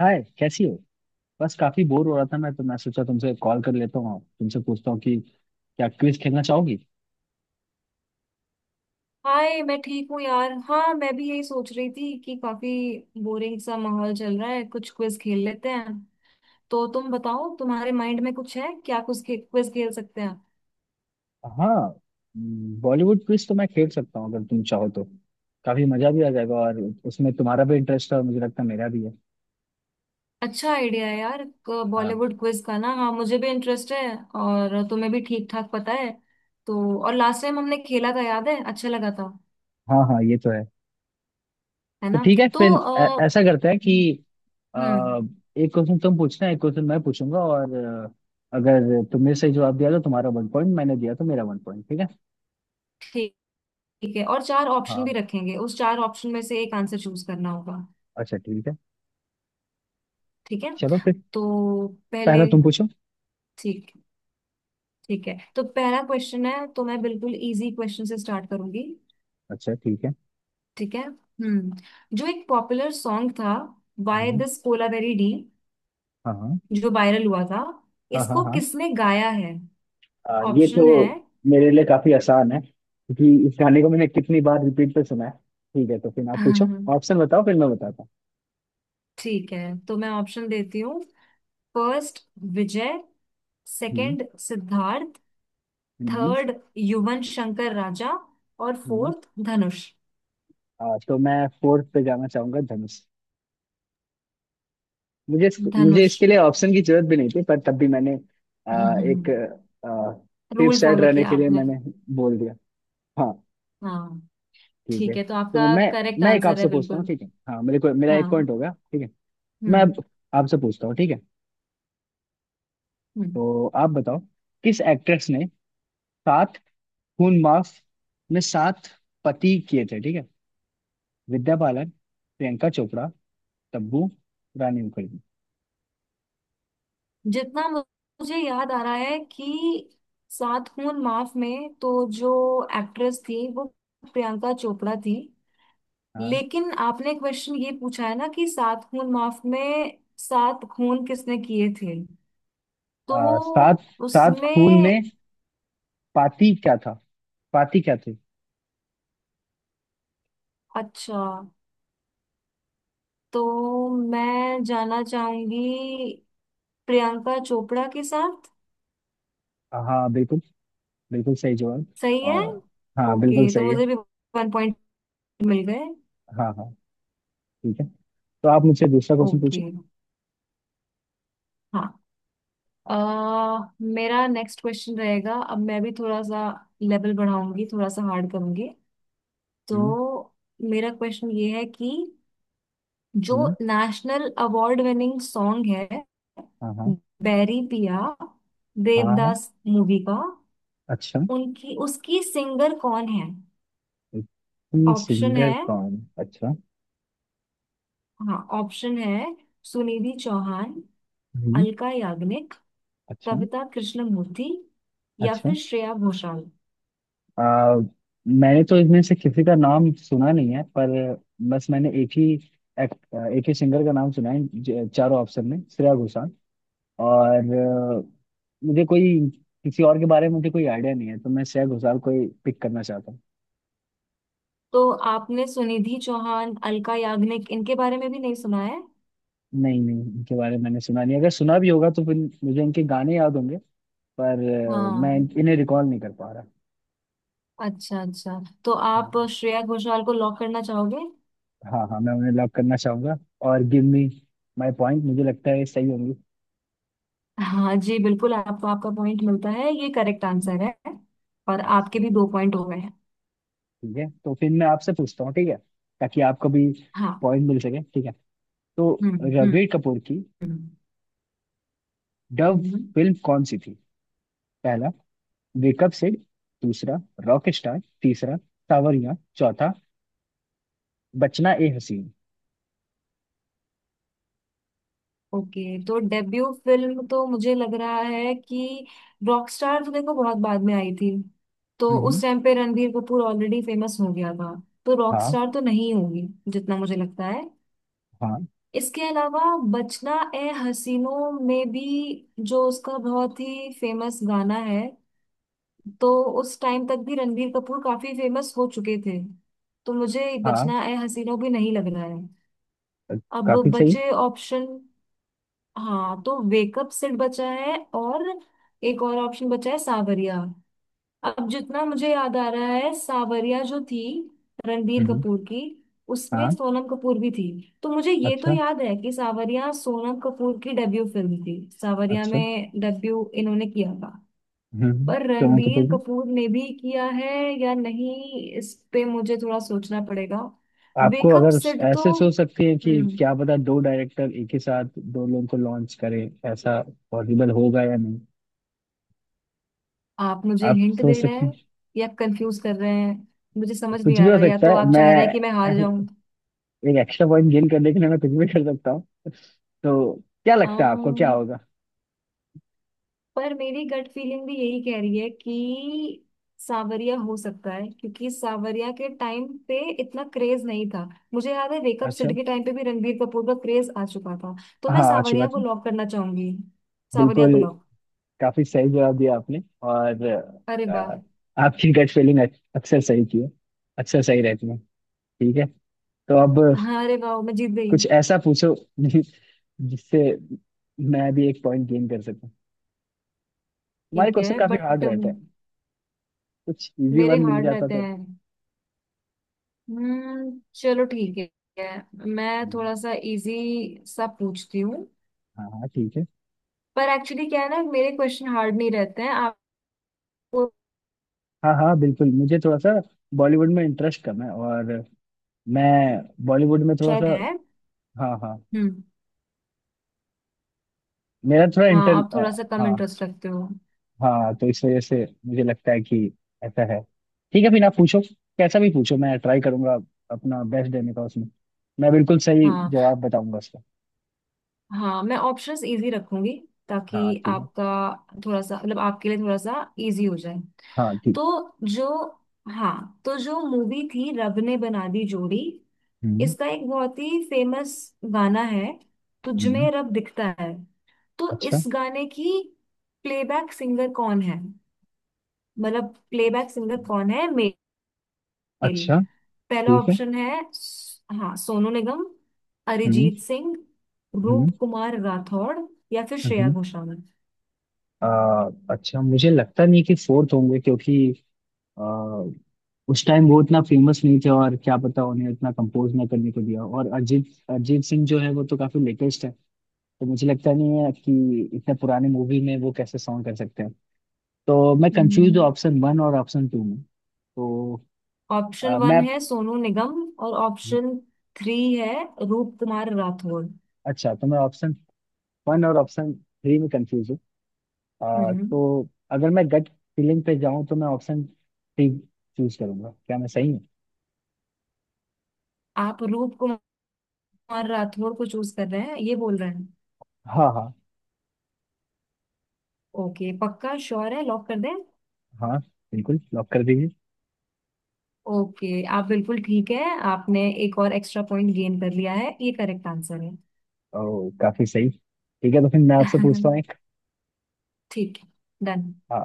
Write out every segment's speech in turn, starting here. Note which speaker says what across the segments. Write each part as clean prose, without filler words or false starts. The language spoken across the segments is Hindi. Speaker 1: हाय, कैसी हो। बस काफी बोर हो रहा था मैं तो मैं सोचा तुमसे कॉल कर लेता हूँ, तुमसे पूछता हूँ कि क्या क्विज खेलना चाहोगी।
Speaker 2: हाय, मैं ठीक हूँ यार। हाँ, मैं भी यही सोच रही थी कि काफी बोरिंग सा माहौल चल रहा है, कुछ क्विज खेल लेते हैं। तो तुम बताओ, तुम्हारे माइंड में कुछ है क्या? कुछ क्विज खेल सकते हैं।
Speaker 1: हाँ, बॉलीवुड क्विज तो मैं खेल सकता हूँ अगर तुम चाहो तो। काफी मजा भी आ जाएगा, और उसमें तुम्हारा भी इंटरेस्ट है और मुझे लगता है मेरा भी है।
Speaker 2: अच्छा आइडिया है यार,
Speaker 1: हाँ
Speaker 2: बॉलीवुड क्विज का ना। हाँ, मुझे भी इंटरेस्ट है और तुम्हें भी ठीक ठाक पता है तो। और लास्ट टाइम हमने खेला था, याद है? अच्छा लगा था,
Speaker 1: हाँ हाँ ये तो है।
Speaker 2: है
Speaker 1: तो
Speaker 2: ना?
Speaker 1: ठीक है,
Speaker 2: तो
Speaker 1: फिर ऐसा करते हैं कि आ,
Speaker 2: हम्म।
Speaker 1: एक क्वेश्चन तुम पूछना, एक क्वेश्चन मैं पूछूंगा, और अगर तुमने सही जवाब दिया तो तुम्हारा 1 पॉइंट, मैंने दिया तो मेरा 1 पॉइंट, ठीक है।
Speaker 2: ठीक ठीक है। और चार ऑप्शन भी
Speaker 1: हाँ,
Speaker 2: रखेंगे, उस चार ऑप्शन में से एक आंसर चूज करना होगा।
Speaker 1: अच्छा, ठीक है।
Speaker 2: ठीक है।
Speaker 1: चलो फिर,
Speaker 2: तो पहले
Speaker 1: पहला तुम पूछो।
Speaker 2: ठीक। ठीक है, तो पहला क्वेश्चन है, तो मैं बिल्कुल इजी क्वेश्चन से स्टार्ट करूंगी।
Speaker 1: अच्छा, ठीक है।
Speaker 2: ठीक है। हम्म, जो एक पॉपुलर सॉन्ग था बाय
Speaker 1: हम्म,
Speaker 2: दिस कोलावेरी डी,
Speaker 1: हाँ
Speaker 2: जो वायरल हुआ था,
Speaker 1: हाँ हाँ
Speaker 2: इसको
Speaker 1: हाँ,
Speaker 2: किसने गाया है?
Speaker 1: ये तो
Speaker 2: ऑप्शन है।
Speaker 1: मेरे लिए काफी आसान है क्योंकि इस गाने को मैंने कितनी बार रिपीट पे सुना है। ठीक है, तो फिर आप पूछो। ऑप्शन बताओ, फिर मैं बताता हूँ।
Speaker 2: ठीक है, तो मैं ऑप्शन देती हूँ। फर्स्ट विजय,
Speaker 1: हम्म
Speaker 2: सेकंड सिद्धार्थ,
Speaker 1: हम्म,
Speaker 2: थर्ड युवन शंकर राजा और
Speaker 1: हम्म।
Speaker 2: फोर्थ धनुष।
Speaker 1: तो मैं फोर्थ पे जाना चाहूंगा, धनुष। मुझे
Speaker 2: धनुष।
Speaker 1: इसके लिए ऑप्शन की जरूरत भी नहीं थी, पर तब भी मैंने एक सेफ
Speaker 2: रूल
Speaker 1: साइड
Speaker 2: फॉलो
Speaker 1: रहने
Speaker 2: किया
Speaker 1: के लिए
Speaker 2: आपने।
Speaker 1: मैंने बोल दिया। हाँ,
Speaker 2: हाँ।
Speaker 1: ठीक है।
Speaker 2: ठीक है, तो
Speaker 1: तो
Speaker 2: आपका
Speaker 1: मैं
Speaker 2: करेक्ट
Speaker 1: मैं एक
Speaker 2: आंसर है
Speaker 1: आपसे पूछता हूँ,
Speaker 2: बिल्कुल।
Speaker 1: ठीक है। हाँ, मेरे को मेरा एक पॉइंट हो
Speaker 2: हाँ।
Speaker 1: गया, ठीक है। मैं अब
Speaker 2: हम्म।
Speaker 1: आपसे पूछता हूँ, ठीक है।
Speaker 2: हम्म।
Speaker 1: तो आप बताओ, किस एक्ट्रेस ने 7 खून माफ में 7 पति किए थे, ठीक है। विद्या बालन, प्रियंका चोपड़ा, तब्बू, रानी मुखर्जी।
Speaker 2: जितना मु- मुझे याद आ रहा है कि सात खून माफ में तो जो एक्ट्रेस थी वो प्रियंका चोपड़ा थी।
Speaker 1: हाँ,
Speaker 2: लेकिन आपने क्वेश्चन ये पूछा है ना कि सात खून माफ में सात खून किसने किए थे,
Speaker 1: आ, सात
Speaker 2: तो
Speaker 1: 7 खून में
Speaker 2: उसमें
Speaker 1: पाती क्या था, पाती क्या थी।
Speaker 2: अच्छा, तो मैं जाना चाहूंगी प्रियंका चोपड़ा के साथ।
Speaker 1: हाँ बिल्कुल, बिल्कुल सही जवाब।
Speaker 2: सही है।
Speaker 1: और हाँ, बिल्कुल
Speaker 2: ओके, तो
Speaker 1: सही है।
Speaker 2: मुझे भी वन मिल गए।
Speaker 1: हाँ हाँ, ठीक है। तो आप मुझसे दूसरा क्वेश्चन पूछो।
Speaker 2: ओके। हाँ। अह मेरा नेक्स्ट क्वेश्चन रहेगा। अब मैं भी थोड़ा सा लेवल बढ़ाऊंगी, थोड़ा सा हार्ड करूंगी।
Speaker 1: हम्म
Speaker 2: तो मेरा क्वेश्चन ये है कि जो
Speaker 1: हम्म
Speaker 2: नेशनल अवार्ड विनिंग सॉन्ग है
Speaker 1: हाँ हाँ।
Speaker 2: बैरी पिया,
Speaker 1: हाँ हाँ,
Speaker 2: देवदास मूवी का,
Speaker 1: अच्छा।
Speaker 2: उनकी उसकी सिंगर कौन है?
Speaker 1: इतनी
Speaker 2: ऑप्शन
Speaker 1: सुंदर
Speaker 2: है।
Speaker 1: कौन, अच्छा।
Speaker 2: हाँ, ऑप्शन है। सुनिधि चौहान,
Speaker 1: हम्म
Speaker 2: अलका याग्निक,
Speaker 1: अच्छा,
Speaker 2: कविता कृष्णमूर्ति या
Speaker 1: अच्छा।
Speaker 2: फिर श्रेया घोषाल।
Speaker 1: आ, मैंने तो इनमें से किसी का नाम सुना नहीं है, पर बस मैंने एक ही एक्ट एक ही सिंगर का नाम सुना है, चारों ऑप्शन में श्रेया घोषाल, और अ, मुझे कोई किसी और के बारे में मुझे कोई आइडिया नहीं है, तो मैं श्रेया घोषाल को ही पिक करना चाहता हूँ।
Speaker 2: तो आपने सुनिधि चौहान, अलका याग्निक, इनके बारे में भी नहीं सुना है?
Speaker 1: नहीं नहीं, इनके बारे में मैंने सुना नहीं, अगर सुना भी होगा तो फिर मुझे इनके गाने याद होंगे, पर
Speaker 2: हाँ।
Speaker 1: इन्हें रिकॉल नहीं कर पा रहा।
Speaker 2: अच्छा अच्छा। तो आप
Speaker 1: हाँ
Speaker 2: श्रेया घोषाल को लॉक करना चाहोगे?
Speaker 1: हाँ हाँ, मैं उन्हें लॉक करना चाहूंगा। और गिव मी माई पॉइंट, मुझे लगता है सही होंगी।
Speaker 2: हाँ जी, बिल्कुल आपको आपका पॉइंट मिलता है। ये करेक्ट आंसर है और आपके
Speaker 1: अच्छा,
Speaker 2: भी दो पॉइंट हो गए हैं।
Speaker 1: ठीक है, तो फिर मैं आपसे पूछता हूँ, ठीक है। ताकि आपको भी
Speaker 2: हाँ।
Speaker 1: पॉइंट मिल सके, ठीक है। तो
Speaker 2: हम्म। हम्म।
Speaker 1: रणबीर कपूर की
Speaker 2: हम्म।
Speaker 1: डव
Speaker 2: हम्म।
Speaker 1: फिल्म कौन सी थी। पहला, वेकअप सिड। दूसरा, रॉक स्टार। तीसरा, सावरियां। चौथा, बचना ए हसीन।
Speaker 2: ओके, तो डेब्यू फिल्म तो मुझे लग रहा है कि रॉकस्टार तो देखो बहुत बाद में आई थी, तो उस
Speaker 1: हम्म
Speaker 2: टाइम पे रणबीर कपूर ऑलरेडी फेमस हो गया था। तो
Speaker 1: हाँ।
Speaker 2: रॉकस्टार तो नहीं होगी जितना मुझे लगता है।
Speaker 1: हाँ
Speaker 2: इसके अलावा बचना ए हसीनों में भी जो उसका बहुत ही फेमस गाना है, तो उस टाइम तक भी रणबीर कपूर काफी फेमस हो चुके थे। तो मुझे
Speaker 1: हाँ
Speaker 2: बचना ए हसीनों भी नहीं लग रहा है।
Speaker 1: अ,
Speaker 2: अब
Speaker 1: काफी सही।
Speaker 2: बचे ऑप्शन, हाँ, तो वेकअप सिर्फ बचा है और एक और ऑप्शन बचा है सावरिया। अब जितना मुझे याद आ रहा है, सावरिया जो थी रणबीर
Speaker 1: हम्म
Speaker 2: कपूर की, उसमें
Speaker 1: हाँ।
Speaker 2: सोनम कपूर भी थी। तो मुझे ये तो
Speaker 1: अच्छा,
Speaker 2: याद है कि सावरिया सोनम कपूर की डेब्यू फिल्म थी, सावरिया
Speaker 1: अच्छा।
Speaker 2: में डेब्यू इन्होंने किया था।
Speaker 1: हम्म
Speaker 2: पर
Speaker 1: सोनम कपूर
Speaker 2: रणबीर
Speaker 1: की।
Speaker 2: कपूर ने भी किया है या नहीं, इस पे मुझे थोड़ा सोचना पड़ेगा।
Speaker 1: आपको
Speaker 2: वेकअप
Speaker 1: अगर
Speaker 2: सिड तो
Speaker 1: ऐसे सोच सकते हैं कि
Speaker 2: हम्म।
Speaker 1: क्या पता दो डायरेक्टर एक ही साथ दो लोगों को लॉन्च करें, ऐसा पॉसिबल होगा या नहीं,
Speaker 2: आप मुझे
Speaker 1: आप
Speaker 2: हिंट
Speaker 1: सोच
Speaker 2: दे रहे
Speaker 1: सकते हैं।
Speaker 2: हैं या कंफ्यूज कर रहे हैं, मुझे समझ नहीं
Speaker 1: कुछ भी
Speaker 2: आ
Speaker 1: हो
Speaker 2: रहा। या
Speaker 1: सकता
Speaker 2: तो
Speaker 1: है,
Speaker 2: आप
Speaker 1: मैं
Speaker 2: चाह रहे हैं कि मैं हार
Speaker 1: एक एक्स्ट्रा पॉइंट गेन करने के लिए मैं कुछ भी कर सकता हूँ। तो क्या लगता है आपको, क्या
Speaker 2: जाऊं।
Speaker 1: होगा।
Speaker 2: पर मेरी गट फीलिंग भी यही कह रही है कि सावरिया हो सकता है, क्योंकि सावरिया के टाइम पे इतना क्रेज नहीं था। मुझे याद है वेकअप
Speaker 1: अच्छा।
Speaker 2: सिड के टाइम पे भी रणबीर कपूर का क्रेज आ चुका था। तो मैं
Speaker 1: हाँ, अच्छी
Speaker 2: सावरिया
Speaker 1: बात
Speaker 2: को
Speaker 1: है।
Speaker 2: लॉक करना चाहूंगी। सावरिया
Speaker 1: बिल्कुल,
Speaker 2: को लॉक।
Speaker 1: काफी सही जवाब दिया आपने। और
Speaker 2: अरे वाह।
Speaker 1: अ, आपकी गट फीलिंग अक्सर सही थी, अक्सर सही रहती है। ठीक है, तो अब
Speaker 2: हाँ, अरे वाह, मैं जीत गई।
Speaker 1: कुछ ऐसा पूछो जि- जिससे मैं भी एक पॉइंट गेन कर सकूं। तुम्हारे
Speaker 2: ठीक
Speaker 1: क्वेश्चन
Speaker 2: है
Speaker 1: काफी हार्ड
Speaker 2: बट
Speaker 1: रहता है, कुछ इजी
Speaker 2: मेरे
Speaker 1: वन मिल
Speaker 2: हार्ड
Speaker 1: जाता
Speaker 2: रहते
Speaker 1: तो।
Speaker 2: हैं। हम्म, चलो ठीक है। मैं थोड़ा सा इजी सा पूछती हूँ।
Speaker 1: हाँ हाँ, ठीक है।
Speaker 2: पर एक्चुअली क्या है ना, मेरे क्वेश्चन हार्ड नहीं रहते हैं आपको,
Speaker 1: हाँ हाँ, बिल्कुल, मुझे थोड़ा सा बॉलीवुड में इंटरेस्ट कम है, और मैं बॉलीवुड में थोड़ा
Speaker 2: शायद
Speaker 1: सा।
Speaker 2: है।
Speaker 1: हाँ हाँ,
Speaker 2: हम्म।
Speaker 1: मेरा थोड़ा
Speaker 2: हाँ,
Speaker 1: इंटर
Speaker 2: आप
Speaker 1: अ,
Speaker 2: थोड़ा सा कम
Speaker 1: हाँ
Speaker 2: इंटरेस्ट रखते हो।
Speaker 1: हाँ, तो इस वजह से मुझे लगता है कि ऐसा है। ठीक है, फिर आप पूछो। कैसा भी पूछो, मैं ट्राई करूंगा अपना बेस्ट देने का, उसमें मैं बिल्कुल सही
Speaker 2: हाँ,
Speaker 1: जवाब बताऊंगा उसका।
Speaker 2: हाँ, मैं ऑप्शंस इजी रखूंगी ताकि
Speaker 1: हाँ, ठीक है।
Speaker 2: आपका थोड़ा सा, मतलब आपके लिए थोड़ा सा इजी हो जाए।
Speaker 1: हाँ, ठीक।
Speaker 2: तो जो हाँ, तो जो मूवी थी रब ने बना दी जोड़ी,
Speaker 1: हम्म
Speaker 2: इसका एक बहुत ही फेमस गाना है तुझमें
Speaker 1: हम्म
Speaker 2: रब दिखता है, तो
Speaker 1: अच्छा,
Speaker 2: इस गाने की प्लेबैक सिंगर कौन है, मतलब प्लेबैक सिंगर कौन है मेल?
Speaker 1: अच्छा,
Speaker 2: पहला
Speaker 1: ठीक है।
Speaker 2: ऑप्शन है, हाँ, सोनू निगम,
Speaker 1: हम्म
Speaker 2: अरिजीत सिंह, रूप
Speaker 1: हम्म
Speaker 2: कुमार राठौड़ या फिर श्रेया
Speaker 1: हम्म
Speaker 2: घोषाल।
Speaker 1: अच्छा, मुझे लगता नहीं है कि फोर्थ होंगे, क्योंकि अ, उस टाइम वो इतना फेमस नहीं थे, और क्या पता उन्हें इतना कंपोज ना करने को दिया। और अरिजीत अरिजीत सिंह जो है वो तो काफी लेटेस्ट है, तो मुझे लगता नहीं है कि इतने पुराने मूवी में वो कैसे सॉन्ग कर सकते हैं। तो मैं कंफ्यूज हूँ
Speaker 2: हम्म,
Speaker 1: ऑप्शन वन और ऑप्शन टू में तो।
Speaker 2: ऑप्शन
Speaker 1: अ,
Speaker 2: वन
Speaker 1: मैं
Speaker 2: है सोनू निगम और ऑप्शन थ्री है रूप कुमार राठौड़।
Speaker 1: अच्छा, तो मैं ऑप्शन वन और ऑप्शन थ्री में कंफ्यूज हूँ।
Speaker 2: हम्म,
Speaker 1: तो अगर मैं गट फीलिंग पे जाऊँ तो मैं ऑप्शन थ्री चूज करूंगा, क्या मैं सही हूँ।
Speaker 2: आप रूप कुमार राठौड़ को चूज कर रहे हैं, ये बोल रहे हैं?
Speaker 1: हाँ हाँ
Speaker 2: ओके, पक्का श्योर है, लॉक कर दें?
Speaker 1: हाँ, बिल्कुल लॉक कर दीजिए।
Speaker 2: ओके, आप बिल्कुल ठीक है। आपने एक और एक्स्ट्रा पॉइंट गेन कर लिया है, ये करेक्ट आंसर है।
Speaker 1: ओह, काफी सही। ठीक है, तो फिर मैं आपसे पूछता हूँ एक।
Speaker 2: ठीक है। डन।
Speaker 1: हाँ,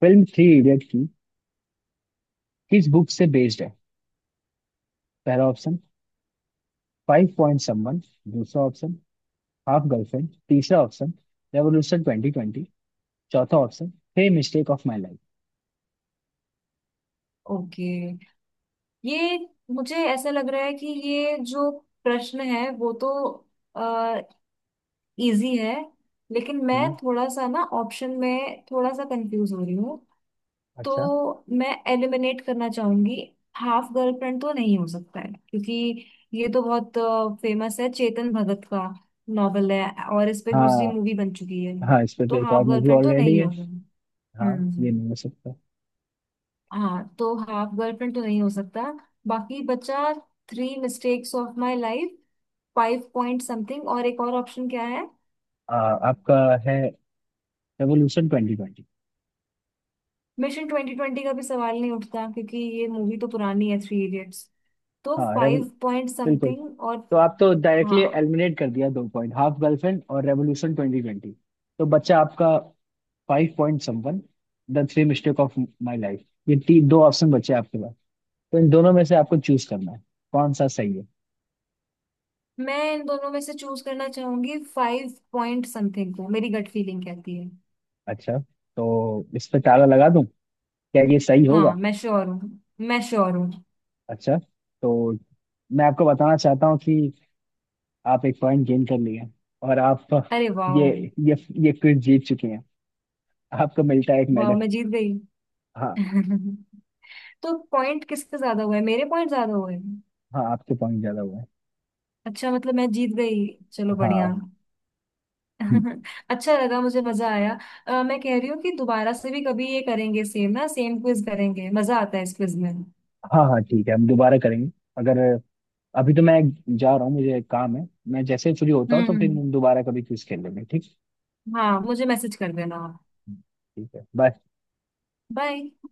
Speaker 1: फिल्म थ्री इडियट की किस बुक से बेस्ड है। पहला ऑप्शन, फाइव पॉइंट समवन। दूसरा ऑप्शन, हाफ गर्लफ्रेंड। तीसरा ऑप्शन, रेवोल्यूशन ट्वेंटी ट्वेंटी। चौथा option, the mistake of my
Speaker 2: okay, ये मुझे ऐसा लग रहा है कि ये जो प्रश्न है वो तो इजी है, लेकिन मैं
Speaker 1: लाइफ।
Speaker 2: थोड़ा सा ना ऑप्शन में थोड़ा सा कंफ्यूज हो रही हूँ।
Speaker 1: अच्छा।
Speaker 2: तो मैं एलिमिनेट करना चाहूंगी। हाफ गर्लफ्रेंड तो नहीं हो सकता है, क्योंकि ये तो बहुत फेमस है, चेतन भगत का नॉवेल है और इस पे दूसरी
Speaker 1: हाँ,
Speaker 2: मूवी बन चुकी है।
Speaker 1: हाँ, इस पे तो
Speaker 2: तो
Speaker 1: एक
Speaker 2: हाफ
Speaker 1: और मूवी
Speaker 2: गर्लफ्रेंड तो
Speaker 1: ऑलरेडी
Speaker 2: नहीं
Speaker 1: है।
Speaker 2: होगा।
Speaker 1: हाँ,
Speaker 2: हम्म।
Speaker 1: ये नहीं हो सकता।
Speaker 2: हाँ, तो हाफ गर्लफ्रेंड तो नहीं हो सकता। बाकी बचा three mistakes of my life, five point something और एक और ऑप्शन क्या है?
Speaker 1: आ, आपका है, revolution twenty twenty.
Speaker 2: Mission twenty twenty का भी सवाल नहीं उठता क्योंकि ये मूवी तो पुरानी है थ्री इडियट्स। तो
Speaker 1: हाँ रेवोल
Speaker 2: फाइव पॉइंट
Speaker 1: बिल्कुल।
Speaker 2: समथिंग और
Speaker 1: तो आप तो डायरेक्टली
Speaker 2: हाँ,
Speaker 1: एलिमिनेट कर दिया दो पॉइंट, हाफ गर्लफ्रेंड और रेवोल्यूशन ट्वेंटी ट्वेंटी। तो बच्चा आपका five point someone, the three mistake of my life. ये तीन दो ऑप्शन बचे हैं आपके पास, तो इन दोनों में से आपको चूज करना है कौन सा सही है।
Speaker 2: मैं इन दोनों में से चूज करना चाहूंगी फाइव पॉइंट समथिंग को, मेरी गट फीलिंग कहती है।
Speaker 1: अच्छा, तो इस पे ताला लगा दूं, क्या ये सही होगा।
Speaker 2: हाँ, मैं श्योर हूँ। मैं श्योर हूँ।
Speaker 1: अच्छा, तो मैं आपको बताना चाहता हूँ कि आप एक पॉइंट गेन कर लिए हैं, और आप
Speaker 2: अरे वाह।
Speaker 1: ये ये ये क्विज जीत चुके हैं। आपको मिलता है एक
Speaker 2: वाह,
Speaker 1: मेडल।
Speaker 2: मैं जीत गई।
Speaker 1: हाँ।
Speaker 2: तो पॉइंट किसके ज्यादा हुए? मेरे पॉइंट ज्यादा हुए?
Speaker 1: हाँ, आपके पॉइंट ज्यादा हुए हैं।
Speaker 2: अच्छा, मतलब मैं जीत गई। चलो बढ़िया।
Speaker 1: हाँ। हम्म,
Speaker 2: अच्छा लगा, मुझे मजा आया। मैं कह रही हूँ कि दोबारा से भी कभी ये करेंगे, सेम ना, सेम क्विज करेंगे, मजा आता है इस क्विज में।
Speaker 1: हाँ हाँ, ठीक है, हम दोबारा करेंगे। अगर अभी तो मैं जा रहा हूँ, मुझे एक काम है, मैं जैसे ही फ्री होता हूँ तो फिर
Speaker 2: हम्म।
Speaker 1: दोबारा कभी क्विज खेल लेंगे, ठीक।
Speaker 2: हाँ, मुझे मैसेज कर देना आप।
Speaker 1: ठीक है, बाय।
Speaker 2: बाय।